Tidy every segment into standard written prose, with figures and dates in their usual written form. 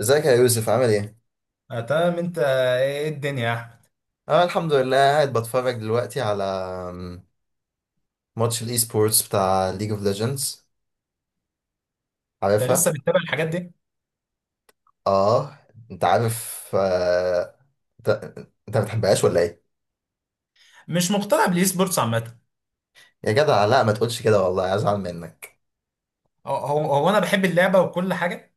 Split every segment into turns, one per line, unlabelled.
ازيك يا يوسف، عامل ايه؟
آه تمام انت ايه إيه الدنيا يا احمد.
اه الحمد لله، قاعد بتفرج دلوقتي على أم، ماتش الاي سبورتس بتاع ليج اوف ليجندز،
انت لسه
عارفها؟
بتتابع الحاجات دي؟
اه، انت عارف انت انت ما بتحبهاش ولا ايه؟
مش مقتنع بالاي سبورتس عامه.
يا جدع لا، ما تقولش كده والله هزعل منك.
هو انا بحب اللعبه وكل حاجه،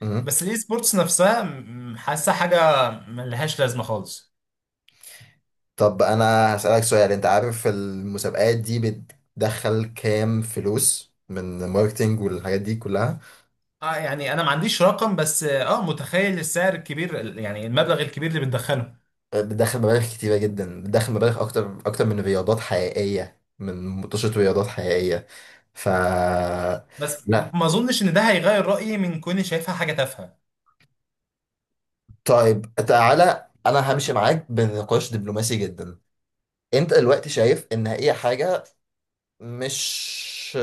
مم.
بس الاي سبورتس نفسها حاسه حاجه ملهاش لازمه خالص.
طب انا هسألك سؤال، انت عارف المسابقات دي بتدخل كام فلوس من ماركتينج والحاجات دي كلها؟
اه يعني انا ما عنديش رقم، بس اه متخيل السعر الكبير يعني المبلغ الكبير اللي بتدخله.
بتدخل مبالغ كتيرة جدا، بتدخل مبالغ أكتر أكتر من رياضات حقيقية، من مطوشة رياضات حقيقية. ف
بس
لا.
ما اظنش ان ده هيغير رايي من كوني شايفها حاجه تافهه.
طيب تعالى أنا همشي معاك بنقاش دبلوماسي جدا. أنت دلوقتي شايف إن هي حاجة مش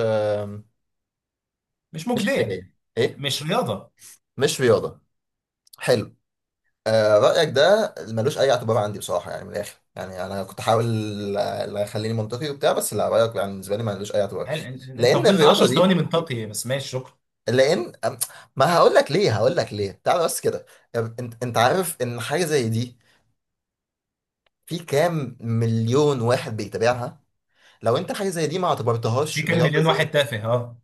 مش
مش
مجديه.
إنتاجية، إيه؟
مش رياضه.
مش رياضة، حلو. رأيك ده ملوش أي اعتبار عندي بصراحة، يعني من الآخر، يعني أنا كنت أحاول أخليني منطقي وبتاع، بس لا، رأيك يعني بالنسبة لي ملوش أي اعتبار.
هل انت
لأن
فضلت 10
الرياضة
ثواني
دي
من طاقي؟ بس ماشي، شكرا.
لان أم- ما هقول لك ليه، هقول لك ليه، تعال بس كده. انت عارف ان حاجه زي دي في كام مليون واحد بيتابعها؟ لو انت حاجه زي دي ما
في
اعتبرتهاش
كام
رياضه
مليون
زي
واحد تافه، اه.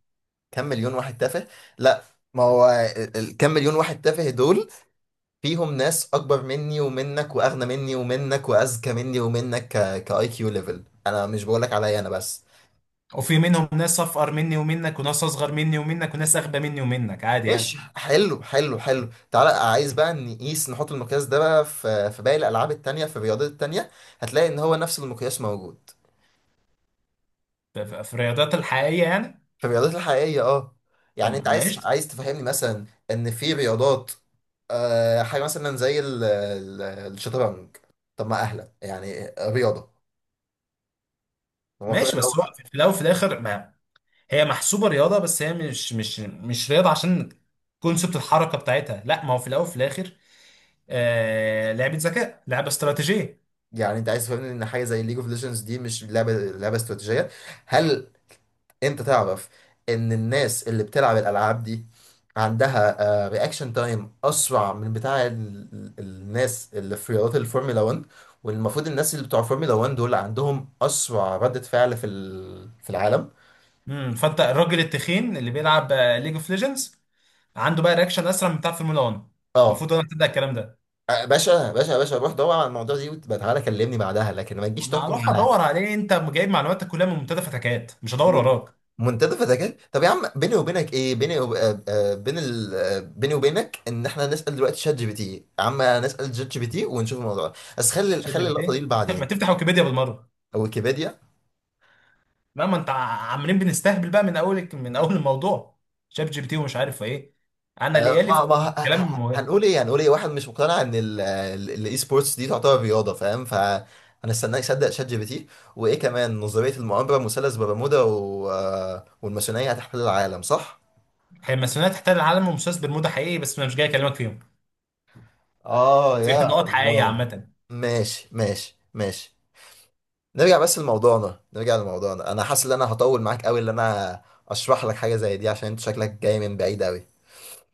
كام مليون واحد تافه؟ لا، ما هو كام مليون واحد تافه دول فيهم ناس اكبر مني ومنك، واغنى مني ومنك، واذكى مني ومنك. كاي كيو ليفل، انا مش بقولك عليا انا بس.
وفي منهم ناس أفقر مني ومنك، وناس أصغر مني ومنك، وناس أغبى مني ومنك، عادي
ايش،
يعني.
حلو حلو حلو، تعالى عايز بقى نقيس، نحط المقياس ده بقى في باقي الالعاب التانية، في الرياضات التانية هتلاقي ان هو نفس المقياس موجود.
في الرياضات الحقيقية يعني.
في الرياضات الحقيقية، اه.
طب
يعني انت عايز
ماشي.
تفهمني مثلا ان في رياضات، آه، حاجة مثلا زي الشطرنج. طب ما اهلا، يعني رياضة. هو كل
ماشي، بس هو
لو،
في الأول وفي الآخر ما هي محسوبة رياضة، بس هي مش مش رياضة، عشان كونسبت الحركة بتاعتها. لا، ما هو في الأول وفي الآخر آه لعبة ذكاء، لعبة استراتيجية.
يعني انت عايز تفهمني ان حاجة زي ليج اوف ليجندز دي مش لعبة، استراتيجية؟ هل انت تعرف ان الناس اللي بتلعب الالعاب دي عندها رياكشن تايم اسرع من بتاع الناس اللي في رياضات الفورمولا 1، والمفروض الناس اللي بتوع الفورمولا 1 دول عندهم اسرع ردة فعل في في العالم.
فأنت الراجل التخين اللي بيلعب ليج اوف ليجندز عنده بقى رياكشن أسرع من بتاع فورمولا 1؟
اه.
المفروض أنا أبتدي الكلام ده.
باشا باشا باشا، روح دور على الموضوع دي وتبقى تعالى كلمني بعدها، لكن ما تجيش
وأنا
تحكم.
هروح أدور عليه. أنت جايب معلوماتك كلها من منتدى فتكات؟ مش هدور وراك.
منتدى فتكات؟ طب يا عم، بيني وبينك ايه؟ بيني وبينك ان احنا نسال دلوقتي شات جي بي تي. يا عم نسال شات جي بي تي ونشوف الموضوع ده. بس خلي
شات جي بي
اللقطه دي
تي ما
لبعدين.
تفتح ويكيبيديا بالمره!
او ويكيبيديا.
لا، ما انت عمالين بنستهبل بقى من اول من اول الموضوع. شات جي بي تي ومش عارف ايه. انا
آه،
ليالي
ما
في
ما
كلام مهم.
هنقول ايه، هنقول ايه واحد مش مقتنع ان الاي سبورتس دي تعتبر رياضه، فاهم؟ هنستناه يصدق شات جي بي تي؟ وايه كمان، نظريه المؤامره، مثلث برمودا والماسونيه هتحتل العالم، صح؟
هي الماسونيه تحتل العالم ومساس برمودا حقيقي، بس انا مش جاي اكلمك فيهم.
اه
زي
يا
نقط حقيقيه
الله.
عامه.
ماشي ماشي ماشي. نرجع بس لموضوعنا، نرجع لموضوعنا، انا حاسس ان انا هطول معاك قوي، ان انا اشرح لك حاجه زي دي عشان انت شكلك جاي من بعيد قوي.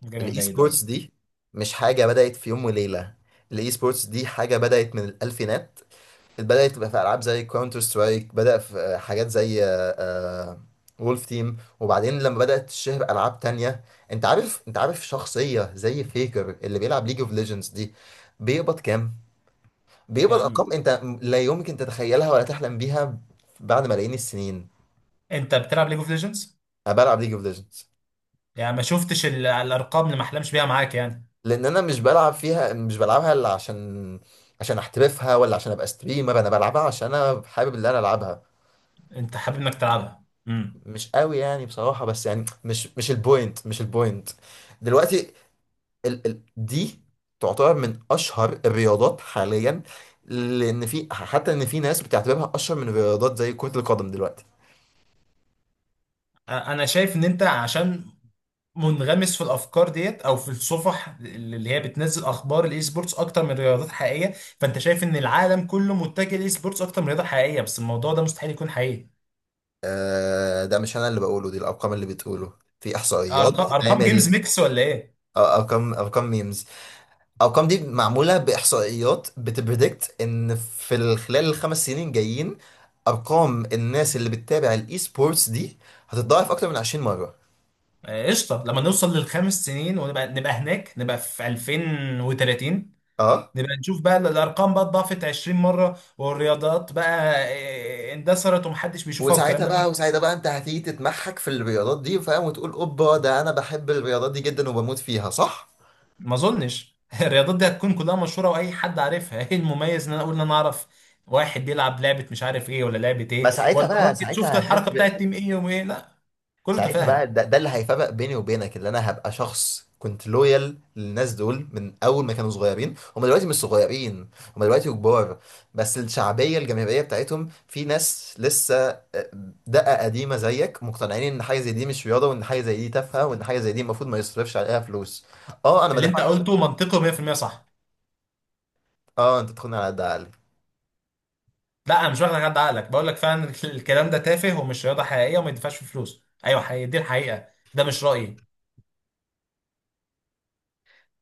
مش جاي من
الاي
بعيد، اه.
سبورتس دي مش حاجه بدات في يوم وليله، الاي سبورتس دي حاجه بدات من الالفينات، بدات تبقى في العاب زي كاونتر سترايك، بدا في حاجات زي وولف تيم، وبعدين لما بدات تشهر العاب تانية. انت عارف، شخصيه زي فيكر اللي بيلعب ليج اوف ليجندز دي بيقبض كام؟ بيقبض
يعني
ارقام انت لا يمكن تتخيلها ولا تحلم بيها بعد ملايين السنين.
انت بتلعب ليج اوف ليجندز،
انا بلعب ليج اوف ليجندز
يعني ما شفتش الارقام اللي ما احلمش بيها معاك يعني؟
لان انا مش بلعب فيها، مش بلعبها الا عشان احترفها، ولا عشان ابقى ستريمر. انا بلعبها عشان انا حابب اللي انا العبها،
انت حابب انك تلعبها
مش قوي يعني بصراحه، بس يعني مش البوينت، مش البوينت دلوقتي. ال ال دي تعتبر من اشهر الرياضات حاليا، لان في، حتى ان في ناس بتعتبرها اشهر من الرياضات زي كره القدم دلوقتي.
انا شايف ان انت عشان منغمس في الافكار ديت، او في الصفح اللي هي بتنزل اخبار الاي سبورتس اكتر من رياضات حقيقيه، فانت شايف ان العالم كله متجه للاي سبورتس اكتر من رياضه حقيقيه، بس الموضوع ده مستحيل يكون حقيقي.
آه، ده مش انا اللي بقوله، دي الارقام اللي بتقوله، في احصائيات
ارقام؟ ارقام جيمز
بتتعمل.
ميكس ولا ايه؟
آه، ارقام ارقام ميمز. الارقام دي معموله باحصائيات بتبريدكت ان في خلال الخمس سنين جايين ارقام الناس اللي بتتابع الاي سبورتس دي هتتضاعف اكتر من 20 مره.
آه، قشطه، لما نوصل للخمس سنين ونبقى هناك، نبقى في 2030
اه.
نبقى نشوف بقى الارقام بقى اتضاعفت 20 مره، والرياضات بقى آه، اندثرت ومحدش بيشوفها والكلام
وساعتها
ده.
بقى، انت هتيجي تتمحك في الرياضات دي، فاهم، وتقول اوبا ده انا بحب الرياضات دي جدا وبموت فيها، صح؟
ما اظنش الرياضات دي هتكون كلها مشهوره واي حد عارفها. ايه المميز ان انا اقول ان انا اعرف واحد بيلعب لعبه مش عارف ايه، ولا لعبه
ما
ايه،
ساعتها
ولا
بقى،
الراجل شفت
ساعتها
الحركه
هتفرق.
بتاعت تيم ايه وايه؟ لا، كله
ساعتها
تفاهه.
بقى، ده اللي هيفرق بيني وبينك، اللي انا هبقى شخص كنت لويال للناس دول من اول ما كانوا صغيرين، هم دلوقتي مش صغيرين، هم دلوقتي كبار. بس الشعبيه الجماهيريه بتاعتهم في ناس لسه آه، دقه قديمه زيك، مقتنعين ان حاجه زي دي مش رياضه، وان حاجه زي دي تافهه، وان حاجه زي دي المفروض ما يصرفش عليها فلوس. اه انا ما
اللي انت
دفعتش.
قلته منطقي 100% صح.
اه، انت تاخدني على قد عقلي.
لا، انا مش واخد حد عقلك، بقول لك فعلا الكلام ده تافه ومش رياضه حقيقيه وما يدفعش فيه فلوس. ايوه، حقيقي، دي الحقيقه. ده مش رايي؟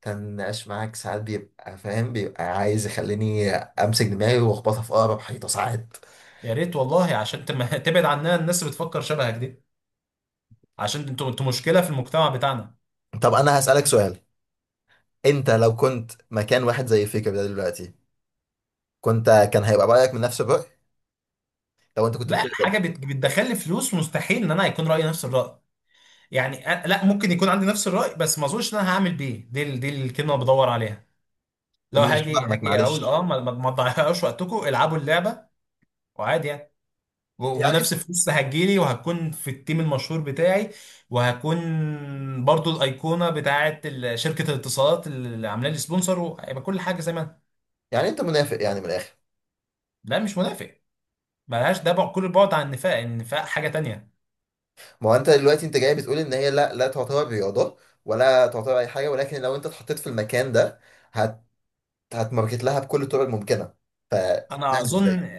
كان النقاش معاك ساعات بيبقى، فاهم، بيبقى عايز يخليني امسك دماغي واخبطها في اقرب حيطه ساعات.
يا ريت والله، عشان تبعد عنها الناس اللي بتفكر شبهك دي، عشان انتوا مشكله في المجتمع بتاعنا.
طب انا هسالك سؤال، انت لو كنت مكان واحد زي فيكر ده دلوقتي، كنت كان هيبقى رايك من نفس الراي لو انت كنت
لا،
بتقبض؟
حاجه بتدخل لي فلوس مستحيل ان انا هيكون رايي نفس الراي. يعني أنا لا ممكن يكون عندي نفس الرأي، بس ما اظنش ان انا هعمل بيه. دي الكلمه اللي بدور عليها. لو
مش فاهمك
هاجي اقول اه
معلش.
ما تضيعوش وقتكم، العبوا اللعبه، وعادي يعني.
يعني انت،
ونفس الفلوس هتجيلي، وهكون في التيم المشهور بتاعي، وهكون برضو الايقونه بتاعه شركه الاتصالات اللي عامله لي سبونسر، وهيبقى كل حاجه زي ما أنا.
منافق يعني من الاخر؟
لا مش منافق. ملهاش، ده كل البعد عن النفاق. النفاق حاجه تانية.
ما هو انت دلوقتي، جاي بتقول ان هي لا، لا تعتبر رياضه، ولا تعتبر اي حاجه، ولكن لو انت اتحطيت في المكان ده هت هتماركت لها بكل الطرق الممكنه.
انا
يعني ازاي؟
اظن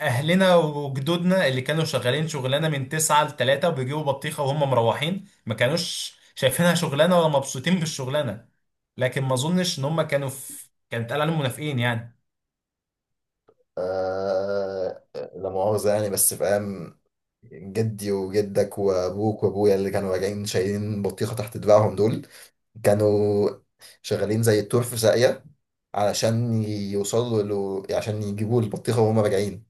اهلنا وجدودنا اللي كانوا شغالين شغلانه من 9 ل 3 وبيجيبوا بطيخه وهم مروحين، ما كانوش شايفينها شغلانه ولا مبسوطين بالشغلانه، لكن ما اظنش ان هم كانوا في كان اتقال عليهم منافقين يعني.
لا مؤاخذه يعني، بس فاهم، جدي وجدك وابوك وابويا اللي كانوا راجعين شايلين بطيخه تحت دراعهم دول كانوا شغالين زي التور في ساقية، علشان يوصلوا له عشان يجيبوا البطيخة وهم راجعين.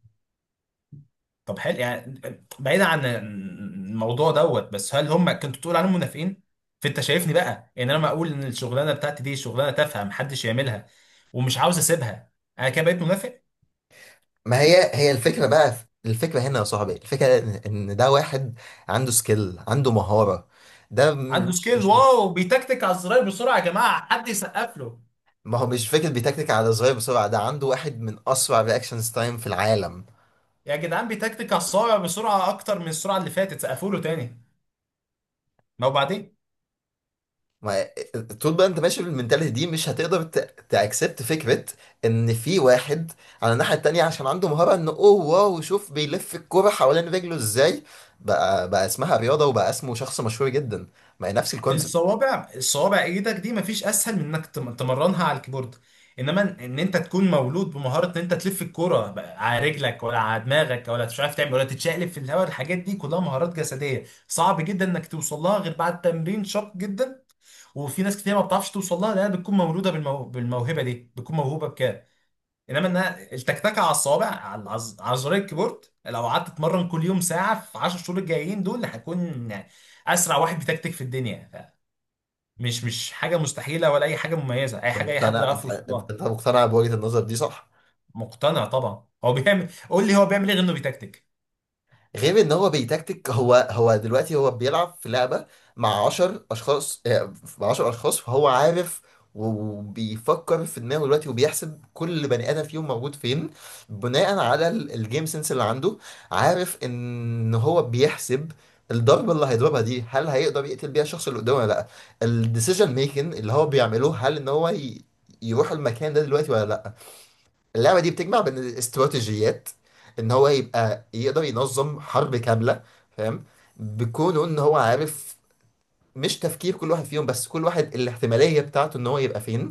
طب حلو يعني، بعيدا عن الموضوع دوت، بس هل هم كنت بتقول عليهم منافقين؟ فانت شايفني بقى ان انا ما اقول ان الشغلانه بتاعتي دي شغلانه تافهه محدش يعملها ومش عاوز اسيبها، انا كده بقيت منافق؟
ما هي هي الفكرة بقى، الفكرة هنا يا صاحبي، الفكرة إن ده واحد عنده سكيل، عنده مهارة. ده
عنده
مش
سكيل،
مش
واو، بيتكتك على الزراير بسرعه، يا جماعه حد يسقف له!
ما هو مش فكرة بيتكتك على صغير بسرعة، ده عنده واحد من أسرع رياكشنز تايم في العالم.
يا جدعان بيتكتك على الصوابع بسرعه اكتر من السرعه اللي فاتت، سقفوا له تاني! ما وبعدين.
ما طول بقى انت ماشي بالمنتاليتي دي مش هتقدر تاكسبت فكره ان في واحد على الناحيه التانيه، عشان عنده مهاره ان اوه واو شوف بيلف الكوره حوالين رجله ازاي، بقى اسمها رياضه وبقى اسمه شخص مشهور جدا. ما هي نفس الكونسيبت.
الصوابع ايدك دي مفيش اسهل من انك تمرنها على الكيبورد. انما إن انت تكون مولود بمهاره ان انت تلف الكوره بقى على رجلك ولا على دماغك، ولا مش عارف تعمل ولا تتشقلب في الهواء، الحاجات دي كلها مهارات جسديه صعب جدا انك توصل لها غير بعد تمرين شاق جدا. وفي ناس كتير ما بتعرفش توصل لها لانها بتكون مولوده بالموهبه دي، بتكون موهوبه. انما انها التكتكه على الصوابع على على زرار الكيبورد، لو قعدت تتمرن كل يوم ساعه في 10 شهور الجايين دول هكون اسرع واحد بيتكتك في الدنيا، مش حاجه مستحيله ولا اي حاجه مميزه، اي
انت
حاجه اي حد
مقتنع،
يعرف
انت
يوصل
انت
لها.
أنت مقتنع بوجهه النظر دي، صح؟
مقتنع طبعا. هو بيعمل، قول لي هو بيعمل ايه غير انه بيتكتك؟
غير ان هو بيتكتك. هو هو دلوقتي هو بيلعب في لعبة مع 10 اشخاص، آه، مع 10 اشخاص، فهو عارف، وبيفكر في دماغه دلوقتي، وبيحسب كل بني ادم فيهم موجود فين بناء على الجيم سنس اللي عنده. عارف ان هو بيحسب الضربة اللي هيضربها دي، هل هيقدر يقتل بيها الشخص اللي قدامه ولا لا؟ الديسيجن ميكنج اللي هو بيعمله، هل ان هو يروح المكان ده دلوقتي ولا لا؟ اللعبة دي بتجمع بين الاستراتيجيات، ان هو يبقى يقدر ينظم حرب كاملة، فاهم، بكونه ان هو عارف مش تفكير كل واحد فيهم بس، كل واحد الاحتمالية بتاعته ان هو يبقى فين.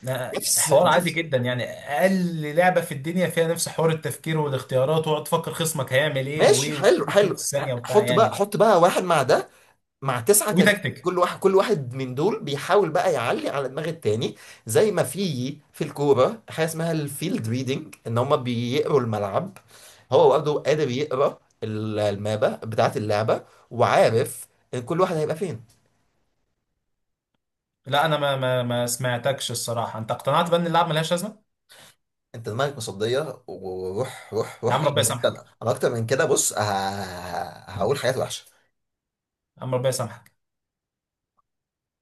ده حوار عادي
نفس،
جدا، يعني اقل لعبه في الدنيا فيها نفس حوار التفكير والاختيارات، وتقعد تفكر خصمك هيعمل ايه
ماشي،
وايه،
حلو
وكله في
حلو.
نفس ثانيه وبتاع
حط بقى،
يعني.
حط بقى واحد مع ده، مع تسعة تانيين،
وبيتكتك.
كل واحد كل واحد من دول بيحاول بقى يعلي على دماغ التاني. زي ما في الكورة حاجة اسمها الفيلد ريدنج ان هما بيقروا الملعب، هو برضه قادر يقرا المابة بتاعة اللعبة، وعارف ان كل واحد هيبقى فين.
لا انا ما سمعتكش الصراحه، انت اقتنعت بان اللعب ملهاش لازمه.
انت دماغك مصدية، وروح روح
يا
روح،
عم
عشان
ربنا
بجد انا
يسامحك.
اكتر من كده. بص هقول حاجات وحشة.
يا عم ربنا يسامحك.